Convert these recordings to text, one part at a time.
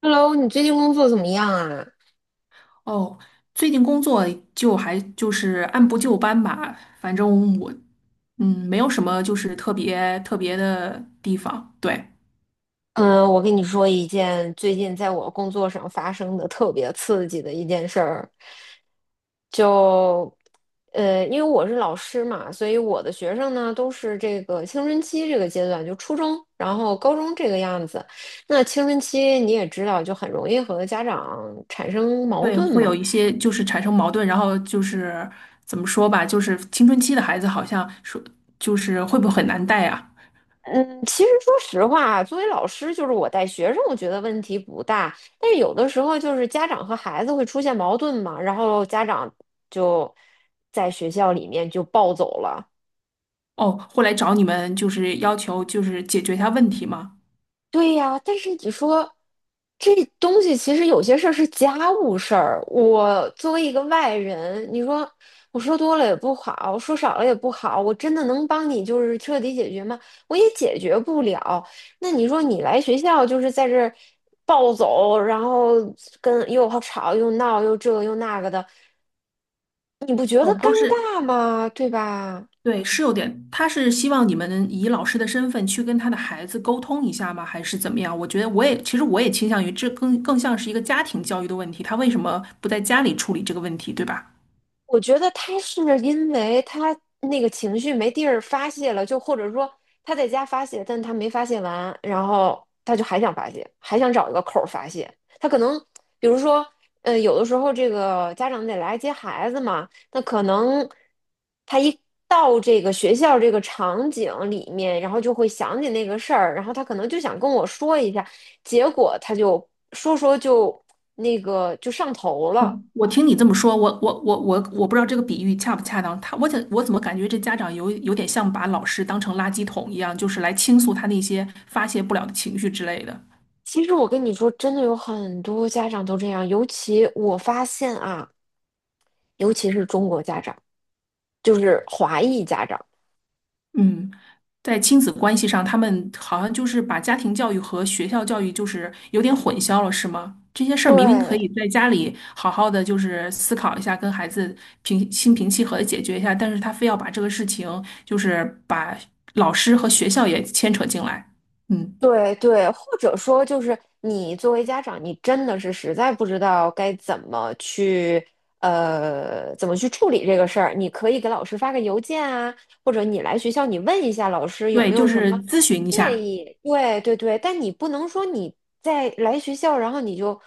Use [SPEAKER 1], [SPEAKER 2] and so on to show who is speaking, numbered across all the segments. [SPEAKER 1] Hello，你最近工作怎么样啊？
[SPEAKER 2] 哦，最近工作就是按部就班吧，反正我没有什么就是特别的地方，对
[SPEAKER 1] 嗯，我跟你说一件最近在我工作上发生的特别刺激的一件事儿，就因为我是老师嘛，所以我的学生呢都是这个青春期这个阶段，就初中，然后高中这个样子。那青春期你也知道，就很容易和家长产生矛
[SPEAKER 2] 对，
[SPEAKER 1] 盾
[SPEAKER 2] 会有
[SPEAKER 1] 嘛。
[SPEAKER 2] 一些就是产生矛盾，然后就是怎么说吧，就是青春期的孩子好像说就是会不会很难带啊？
[SPEAKER 1] 嗯，其实说实话，作为老师，就是我带学生，我觉得问题不大。但是有的时候，就是家长和孩子会出现矛盾嘛，然后家长就在学校里面就暴走了，
[SPEAKER 2] 哦，会来找你们就是要求就是解决一下问题吗？
[SPEAKER 1] 对呀，但是你说这东西其实有些事儿是家务事儿，我作为一个外人，你说我说多了也不好，说少了也不好，我真的能帮你就是彻底解决吗？我也解决不了。那你说你来学校就是在这儿暴走，然后跟又吵又闹又这又那个的，你不觉得
[SPEAKER 2] 哦，
[SPEAKER 1] 尴
[SPEAKER 2] 都是
[SPEAKER 1] 尬吗？对吧？
[SPEAKER 2] 对，是有点，他是希望你们以老师的身份去跟他的孩子沟通一下吗？还是怎么样？我觉得我也，其实我也倾向于这更像是一个家庭教育的问题，他为什么不在家里处理这个问题，对吧？
[SPEAKER 1] 我觉得他是因为他那个情绪没地儿发泄了，就或者说他在家发泄，但他没发泄完，然后他就还想发泄，还想找一个口儿发泄。他可能，比如说，有的时候这个家长得来接孩子嘛，那可能他一到这个学校这个场景里面，然后就会想起那个事儿，然后他可能就想跟我说一下，结果他就说说就那个就上头了。
[SPEAKER 2] 嗯，我听你这么说，我不知道这个比喻恰不恰当。他我怎我怎么感觉这家长有点像把老师当成垃圾桶一样，就是来倾诉他那些发泄不了的情绪之类的。
[SPEAKER 1] 其实我跟你说，真的有很多家长都这样，尤其我发现啊，尤其是中国家长，就是华裔家长，
[SPEAKER 2] 嗯，在亲子关系上，他们好像就是把家庭教育和学校教育就是有点混淆了，是吗？这些事儿明明可
[SPEAKER 1] 对，
[SPEAKER 2] 以在家里好好的就是思考一下，跟孩子平心平气和的解决一下，但是他非要把这个事情就是把老师和学校也牵扯进来。嗯，
[SPEAKER 1] 对对，或者说就是你作为家长，你真的是实在不知道该怎么去怎么去处理这个事儿，你可以给老师发个邮件啊，或者你来学校你问一下老师有
[SPEAKER 2] 对，
[SPEAKER 1] 没有
[SPEAKER 2] 就
[SPEAKER 1] 什
[SPEAKER 2] 是
[SPEAKER 1] 么
[SPEAKER 2] 咨询一
[SPEAKER 1] 建
[SPEAKER 2] 下。
[SPEAKER 1] 议。对对对，但你不能说你在来学校，然后你就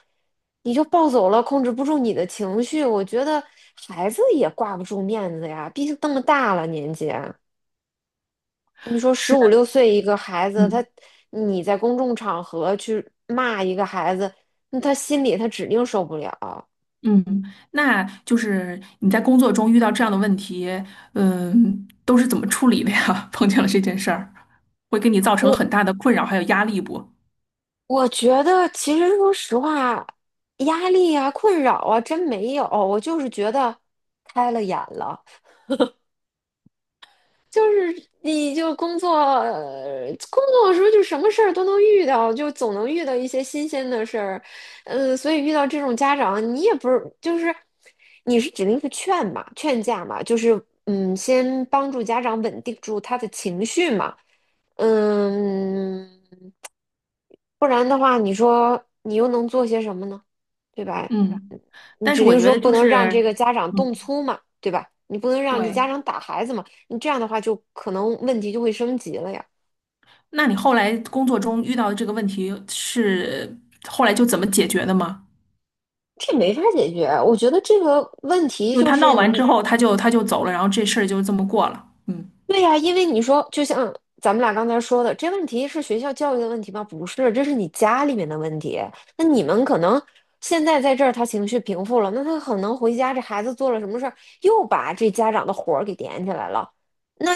[SPEAKER 1] 你就暴走了，控制不住你的情绪。我觉得孩子也挂不住面子呀，毕竟这么大了年纪啊。你说十
[SPEAKER 2] 是
[SPEAKER 1] 五
[SPEAKER 2] 的，
[SPEAKER 1] 六岁一个孩子，他
[SPEAKER 2] 嗯。
[SPEAKER 1] 你在公众场合去骂一个孩子，那他心里他指定受不了。
[SPEAKER 2] 嗯，那就是你在工作中遇到这样的问题，嗯，都是怎么处理的呀？碰见了这件事儿，会给你造成
[SPEAKER 1] 我
[SPEAKER 2] 很大的困扰还有压力不？
[SPEAKER 1] 我觉得其实说实话，压力啊、困扰啊，真没有。我就是觉得开了眼了。就是你就工作，工作的时候就什么事儿都能遇到，就总能遇到一些新鲜的事儿，嗯，所以遇到这种家长，你也不是就是你是指定是劝嘛，劝架嘛，就是嗯，先帮助家长稳定住他的情绪嘛，嗯，不然的话，你说你又能做些什么呢？对吧？
[SPEAKER 2] 嗯，
[SPEAKER 1] 你
[SPEAKER 2] 但是
[SPEAKER 1] 指
[SPEAKER 2] 我
[SPEAKER 1] 定
[SPEAKER 2] 觉
[SPEAKER 1] 说
[SPEAKER 2] 得
[SPEAKER 1] 不
[SPEAKER 2] 就
[SPEAKER 1] 能让
[SPEAKER 2] 是，
[SPEAKER 1] 这个家长
[SPEAKER 2] 嗯，
[SPEAKER 1] 动粗嘛，对吧？你不能让这
[SPEAKER 2] 对。
[SPEAKER 1] 家长打孩子嘛，你这样的话就可能问题就会升级了呀。
[SPEAKER 2] 那你后来工作中遇到的这个问题是后来就怎么解决的吗？
[SPEAKER 1] 这没法解决。我觉得这个问题
[SPEAKER 2] 就是
[SPEAKER 1] 就
[SPEAKER 2] 他
[SPEAKER 1] 是
[SPEAKER 2] 闹完之
[SPEAKER 1] 你
[SPEAKER 2] 后，他就走了，然后这事儿就这么过了。嗯
[SPEAKER 1] 对呀，因为你说，就像咱们俩刚才说的，这问题是学校教育的问题吗？不是，这是你家里面的问题。那你们可能现在在这儿，他情绪平复了，那他可能回家，这孩子做了什么事儿，又把这家长的火儿给点起来了，那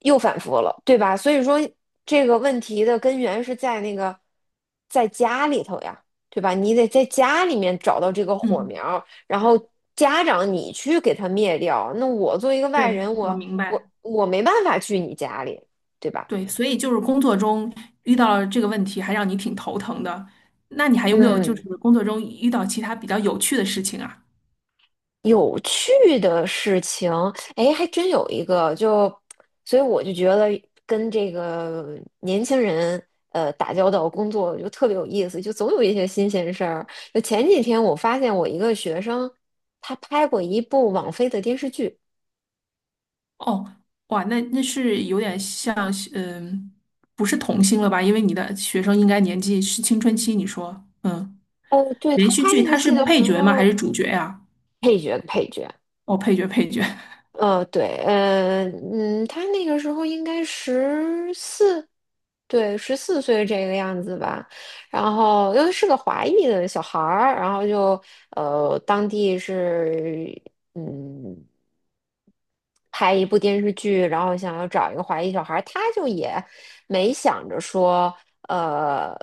[SPEAKER 1] 又反复了，对吧？所以说，这个问题的根源是在那个在家里头呀，对吧？你得在家里面找到这个火
[SPEAKER 2] 嗯，
[SPEAKER 1] 苗儿然后家长你去给他灭掉。那我作为一个外
[SPEAKER 2] 对，
[SPEAKER 1] 人，
[SPEAKER 2] 我
[SPEAKER 1] 我
[SPEAKER 2] 明白。
[SPEAKER 1] 我我没办法去你家里，对吧？
[SPEAKER 2] 对，所以就是工作中遇到了这个问题，还让你挺头疼的。那你还有没有就
[SPEAKER 1] 嗯，
[SPEAKER 2] 是工作中遇到其他比较有趣的事情啊？
[SPEAKER 1] 有趣的事情，哎，还真有一个，就，所以我就觉得跟这个年轻人，打交道工作就特别有意思，就总有一些新鲜事儿。就前几天我发现我一个学生，他拍过一部网飞的电视剧，
[SPEAKER 2] 哦，哇，那是有点像是，嗯，不是童星了吧？因为你的学生应该年纪是青春期，你说，嗯，
[SPEAKER 1] 哦，对，
[SPEAKER 2] 连
[SPEAKER 1] 他
[SPEAKER 2] 续
[SPEAKER 1] 拍
[SPEAKER 2] 剧
[SPEAKER 1] 那个
[SPEAKER 2] 它是
[SPEAKER 1] 戏的
[SPEAKER 2] 配
[SPEAKER 1] 时
[SPEAKER 2] 角吗？还是
[SPEAKER 1] 候，
[SPEAKER 2] 主角呀？
[SPEAKER 1] 配角。
[SPEAKER 2] 哦，配角，配角，
[SPEAKER 1] 呃，对，嗯他那个时候应该十四，对，14岁这个样子吧。然后因为是个华裔的小孩儿，然后当地是，嗯。拍一部电视剧，然后想要找一个华裔小孩儿，他就也没想着说，呃，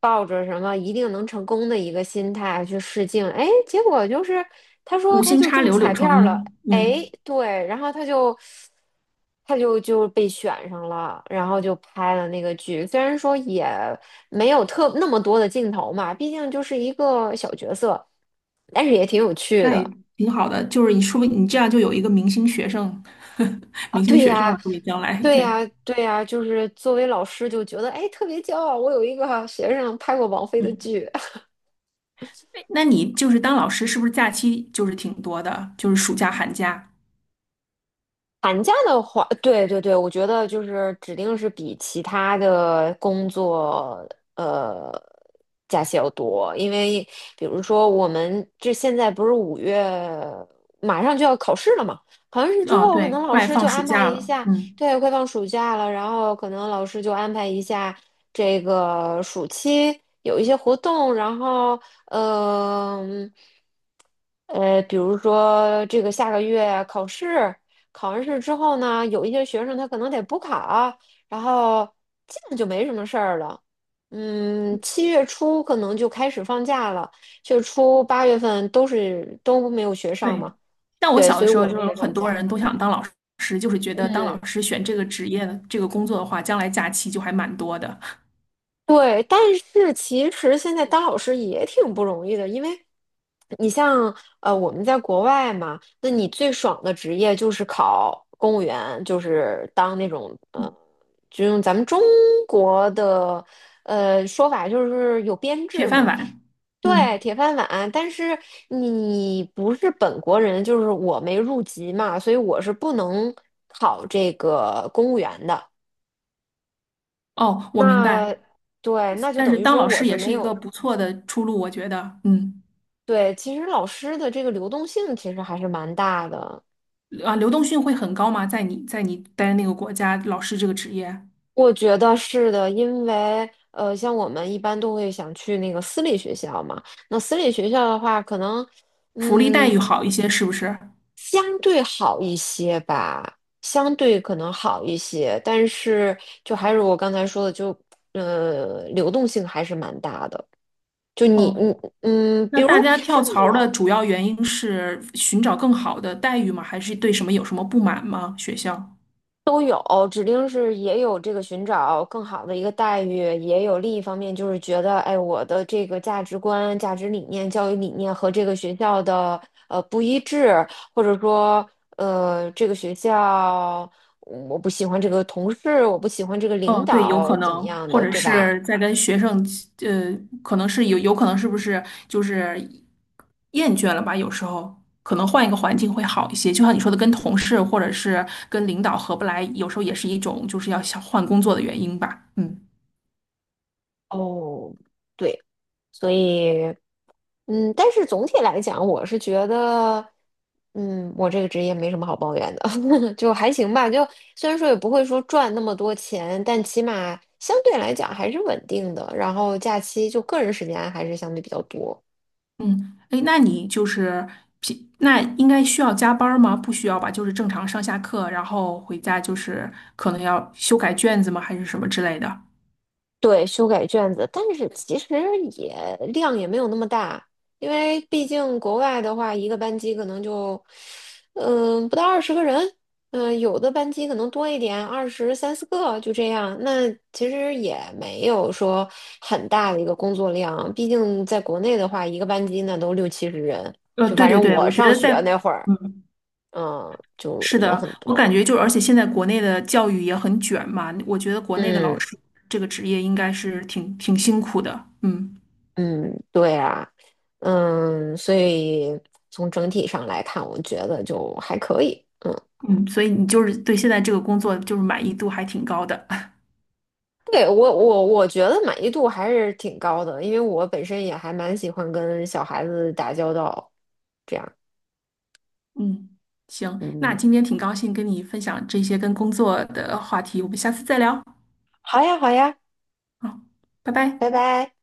[SPEAKER 1] 抱着什么一定能成功的一个心态去试镜，哎，结果就是他说
[SPEAKER 2] 无
[SPEAKER 1] 他
[SPEAKER 2] 心
[SPEAKER 1] 就
[SPEAKER 2] 插
[SPEAKER 1] 中
[SPEAKER 2] 柳柳
[SPEAKER 1] 彩
[SPEAKER 2] 成
[SPEAKER 1] 票了，
[SPEAKER 2] 荫，
[SPEAKER 1] 哎，
[SPEAKER 2] 嗯，
[SPEAKER 1] 对，然后他就被选上了，然后就拍了那个剧，虽然说也没有特那么多的镜头嘛，毕竟就是一个小角色，但是也挺有趣
[SPEAKER 2] 那也
[SPEAKER 1] 的。
[SPEAKER 2] 挺好的。就是你说不定你这样就有一个明星学生，
[SPEAKER 1] 啊，
[SPEAKER 2] 明星
[SPEAKER 1] 对
[SPEAKER 2] 学生了，
[SPEAKER 1] 呀，
[SPEAKER 2] 说不定将来
[SPEAKER 1] 对
[SPEAKER 2] 对。
[SPEAKER 1] 呀，对呀，就是作为老师就觉得，哎，特别骄傲，我有一个学生拍过王菲的
[SPEAKER 2] 嗯。
[SPEAKER 1] 剧。
[SPEAKER 2] 那你就是当老师，是不是假期就是挺多的？就是暑假、寒假。
[SPEAKER 1] 寒假的话，对对对，我觉得就是指定是比其他的工作呃假期要多，因为比如说我们这现在不是5月马上就要考试了嘛，考完试之
[SPEAKER 2] 啊，
[SPEAKER 1] 后可
[SPEAKER 2] 对，
[SPEAKER 1] 能老
[SPEAKER 2] 快
[SPEAKER 1] 师就
[SPEAKER 2] 放暑
[SPEAKER 1] 安排
[SPEAKER 2] 假
[SPEAKER 1] 一
[SPEAKER 2] 了。
[SPEAKER 1] 下，
[SPEAKER 2] 嗯，
[SPEAKER 1] 对，快放暑假了，然后可能老师就安排一下这个暑期有一些活动，然后呃嗯。比如说这个下个月考试，考完试之后呢，有一些学生他可能得补考啊，然后基本就没什么事儿了。嗯，七月初可能就开始放假了，七月初8月份都没有学上嘛，
[SPEAKER 2] 对。但我
[SPEAKER 1] 对，
[SPEAKER 2] 小
[SPEAKER 1] 所
[SPEAKER 2] 的
[SPEAKER 1] 以
[SPEAKER 2] 时候，
[SPEAKER 1] 我
[SPEAKER 2] 就
[SPEAKER 1] 们
[SPEAKER 2] 是有
[SPEAKER 1] 也
[SPEAKER 2] 很
[SPEAKER 1] 放
[SPEAKER 2] 多
[SPEAKER 1] 假。
[SPEAKER 2] 人都想当老师，就是觉得当
[SPEAKER 1] 嗯。
[SPEAKER 2] 老师选这个职业的这个工作的话，将来假期就还蛮多的，
[SPEAKER 1] 对，但是其实现在当老师也挺不容易的，因为你像我们在国外嘛，那你最爽的职业就是考公务员，就是当那种就用咱们中国的说法就是有编
[SPEAKER 2] 铁
[SPEAKER 1] 制
[SPEAKER 2] 饭
[SPEAKER 1] 嘛，
[SPEAKER 2] 碗。
[SPEAKER 1] 对，
[SPEAKER 2] 嗯，
[SPEAKER 1] 铁饭碗。但是你不是本国人，就是我没入籍嘛，所以我是不能考这个公务员的。
[SPEAKER 2] 哦，我明白。
[SPEAKER 1] 那对，那就
[SPEAKER 2] 但
[SPEAKER 1] 等
[SPEAKER 2] 是
[SPEAKER 1] 于
[SPEAKER 2] 当
[SPEAKER 1] 说
[SPEAKER 2] 老
[SPEAKER 1] 我
[SPEAKER 2] 师
[SPEAKER 1] 是
[SPEAKER 2] 也
[SPEAKER 1] 没
[SPEAKER 2] 是一个
[SPEAKER 1] 有
[SPEAKER 2] 不错的出路，我觉得。嗯，
[SPEAKER 1] 对，其实老师的这个流动性其实还是蛮大的，
[SPEAKER 2] 啊，流动性会很高吗？在你待的那个国家，老师这个职业，
[SPEAKER 1] 我觉得是的，因为像我们一般都会想去那个私立学校嘛，那私立学校的话，可能
[SPEAKER 2] 福利待
[SPEAKER 1] 嗯
[SPEAKER 2] 遇好一些，是不是？
[SPEAKER 1] 相对好一些吧，相对可能好一些，但是就还是我刚才说的，就流动性还是蛮大的。就你
[SPEAKER 2] 哦，
[SPEAKER 1] 你嗯，比
[SPEAKER 2] 那
[SPEAKER 1] 如
[SPEAKER 2] 大家跳槽的主要原因是寻找更好的待遇吗？还是对什么有什么不满吗？学校？
[SPEAKER 1] 都有，指定是也有这个寻找更好的一个待遇，也有另一方面就是觉得，哎，我的这个价值观、价值理念、教育理念和这个学校的不一致，或者说这个学校我不喜欢这个同事，我不喜欢这个领
[SPEAKER 2] 哦，对，有
[SPEAKER 1] 导
[SPEAKER 2] 可
[SPEAKER 1] 怎么
[SPEAKER 2] 能，
[SPEAKER 1] 样
[SPEAKER 2] 或
[SPEAKER 1] 的，
[SPEAKER 2] 者
[SPEAKER 1] 对吧？
[SPEAKER 2] 是在跟学生，呃，可能是有，有可能是不是就是厌倦了吧？有时候可能换一个环境会好一些。就像你说的，跟同事或者是跟领导合不来，有时候也是一种就是要想换工作的原因吧。嗯。
[SPEAKER 1] 哦，对，所以。嗯，但是总体来讲，我是觉得，嗯，我这个职业没什么好抱怨的，就还行吧。就虽然说也不会说赚那么多钱，但起码相对来讲还是稳定的。然后假期就个人时间还是相对比较多。
[SPEAKER 2] 嗯，哎，那你就是平，那应该需要加班儿吗？不需要吧，就是正常上下课，然后回家就是可能要修改卷子吗？还是什么之类的？
[SPEAKER 1] 对，修改卷子，但是其实也量也没有那么大，因为毕竟国外的话，一个班级可能就，嗯、不到20个人，嗯、有的班级可能多一点，二十三四个就这样。那其实也没有说很大的一个工作量，毕竟在国内的话，一个班级那都六七十人，就
[SPEAKER 2] 对
[SPEAKER 1] 反
[SPEAKER 2] 对
[SPEAKER 1] 正
[SPEAKER 2] 对，
[SPEAKER 1] 我
[SPEAKER 2] 我觉
[SPEAKER 1] 上
[SPEAKER 2] 得在，
[SPEAKER 1] 学那会儿，
[SPEAKER 2] 嗯，
[SPEAKER 1] 嗯，就
[SPEAKER 2] 是
[SPEAKER 1] 人
[SPEAKER 2] 的，
[SPEAKER 1] 很
[SPEAKER 2] 我感觉
[SPEAKER 1] 多，
[SPEAKER 2] 就而且现在国内的教育也很卷嘛，我觉得国内的老
[SPEAKER 1] 嗯。
[SPEAKER 2] 师这个职业应该是挺辛苦的，嗯
[SPEAKER 1] 嗯，对啊，嗯，所以从整体上来看，我觉得就还可以。嗯，
[SPEAKER 2] 嗯，所以你就是对现在这个工作就是满意度还挺高的，
[SPEAKER 1] 对，我觉得满意度还是挺高的，因为我本身也还蛮喜欢跟小孩子打交道，这样。
[SPEAKER 2] 嗯，行，那
[SPEAKER 1] 嗯，
[SPEAKER 2] 今天挺高兴跟你分享这些跟工作的话题，我们下次再聊。
[SPEAKER 1] 好呀，好呀，
[SPEAKER 2] 好，拜拜。
[SPEAKER 1] 拜拜。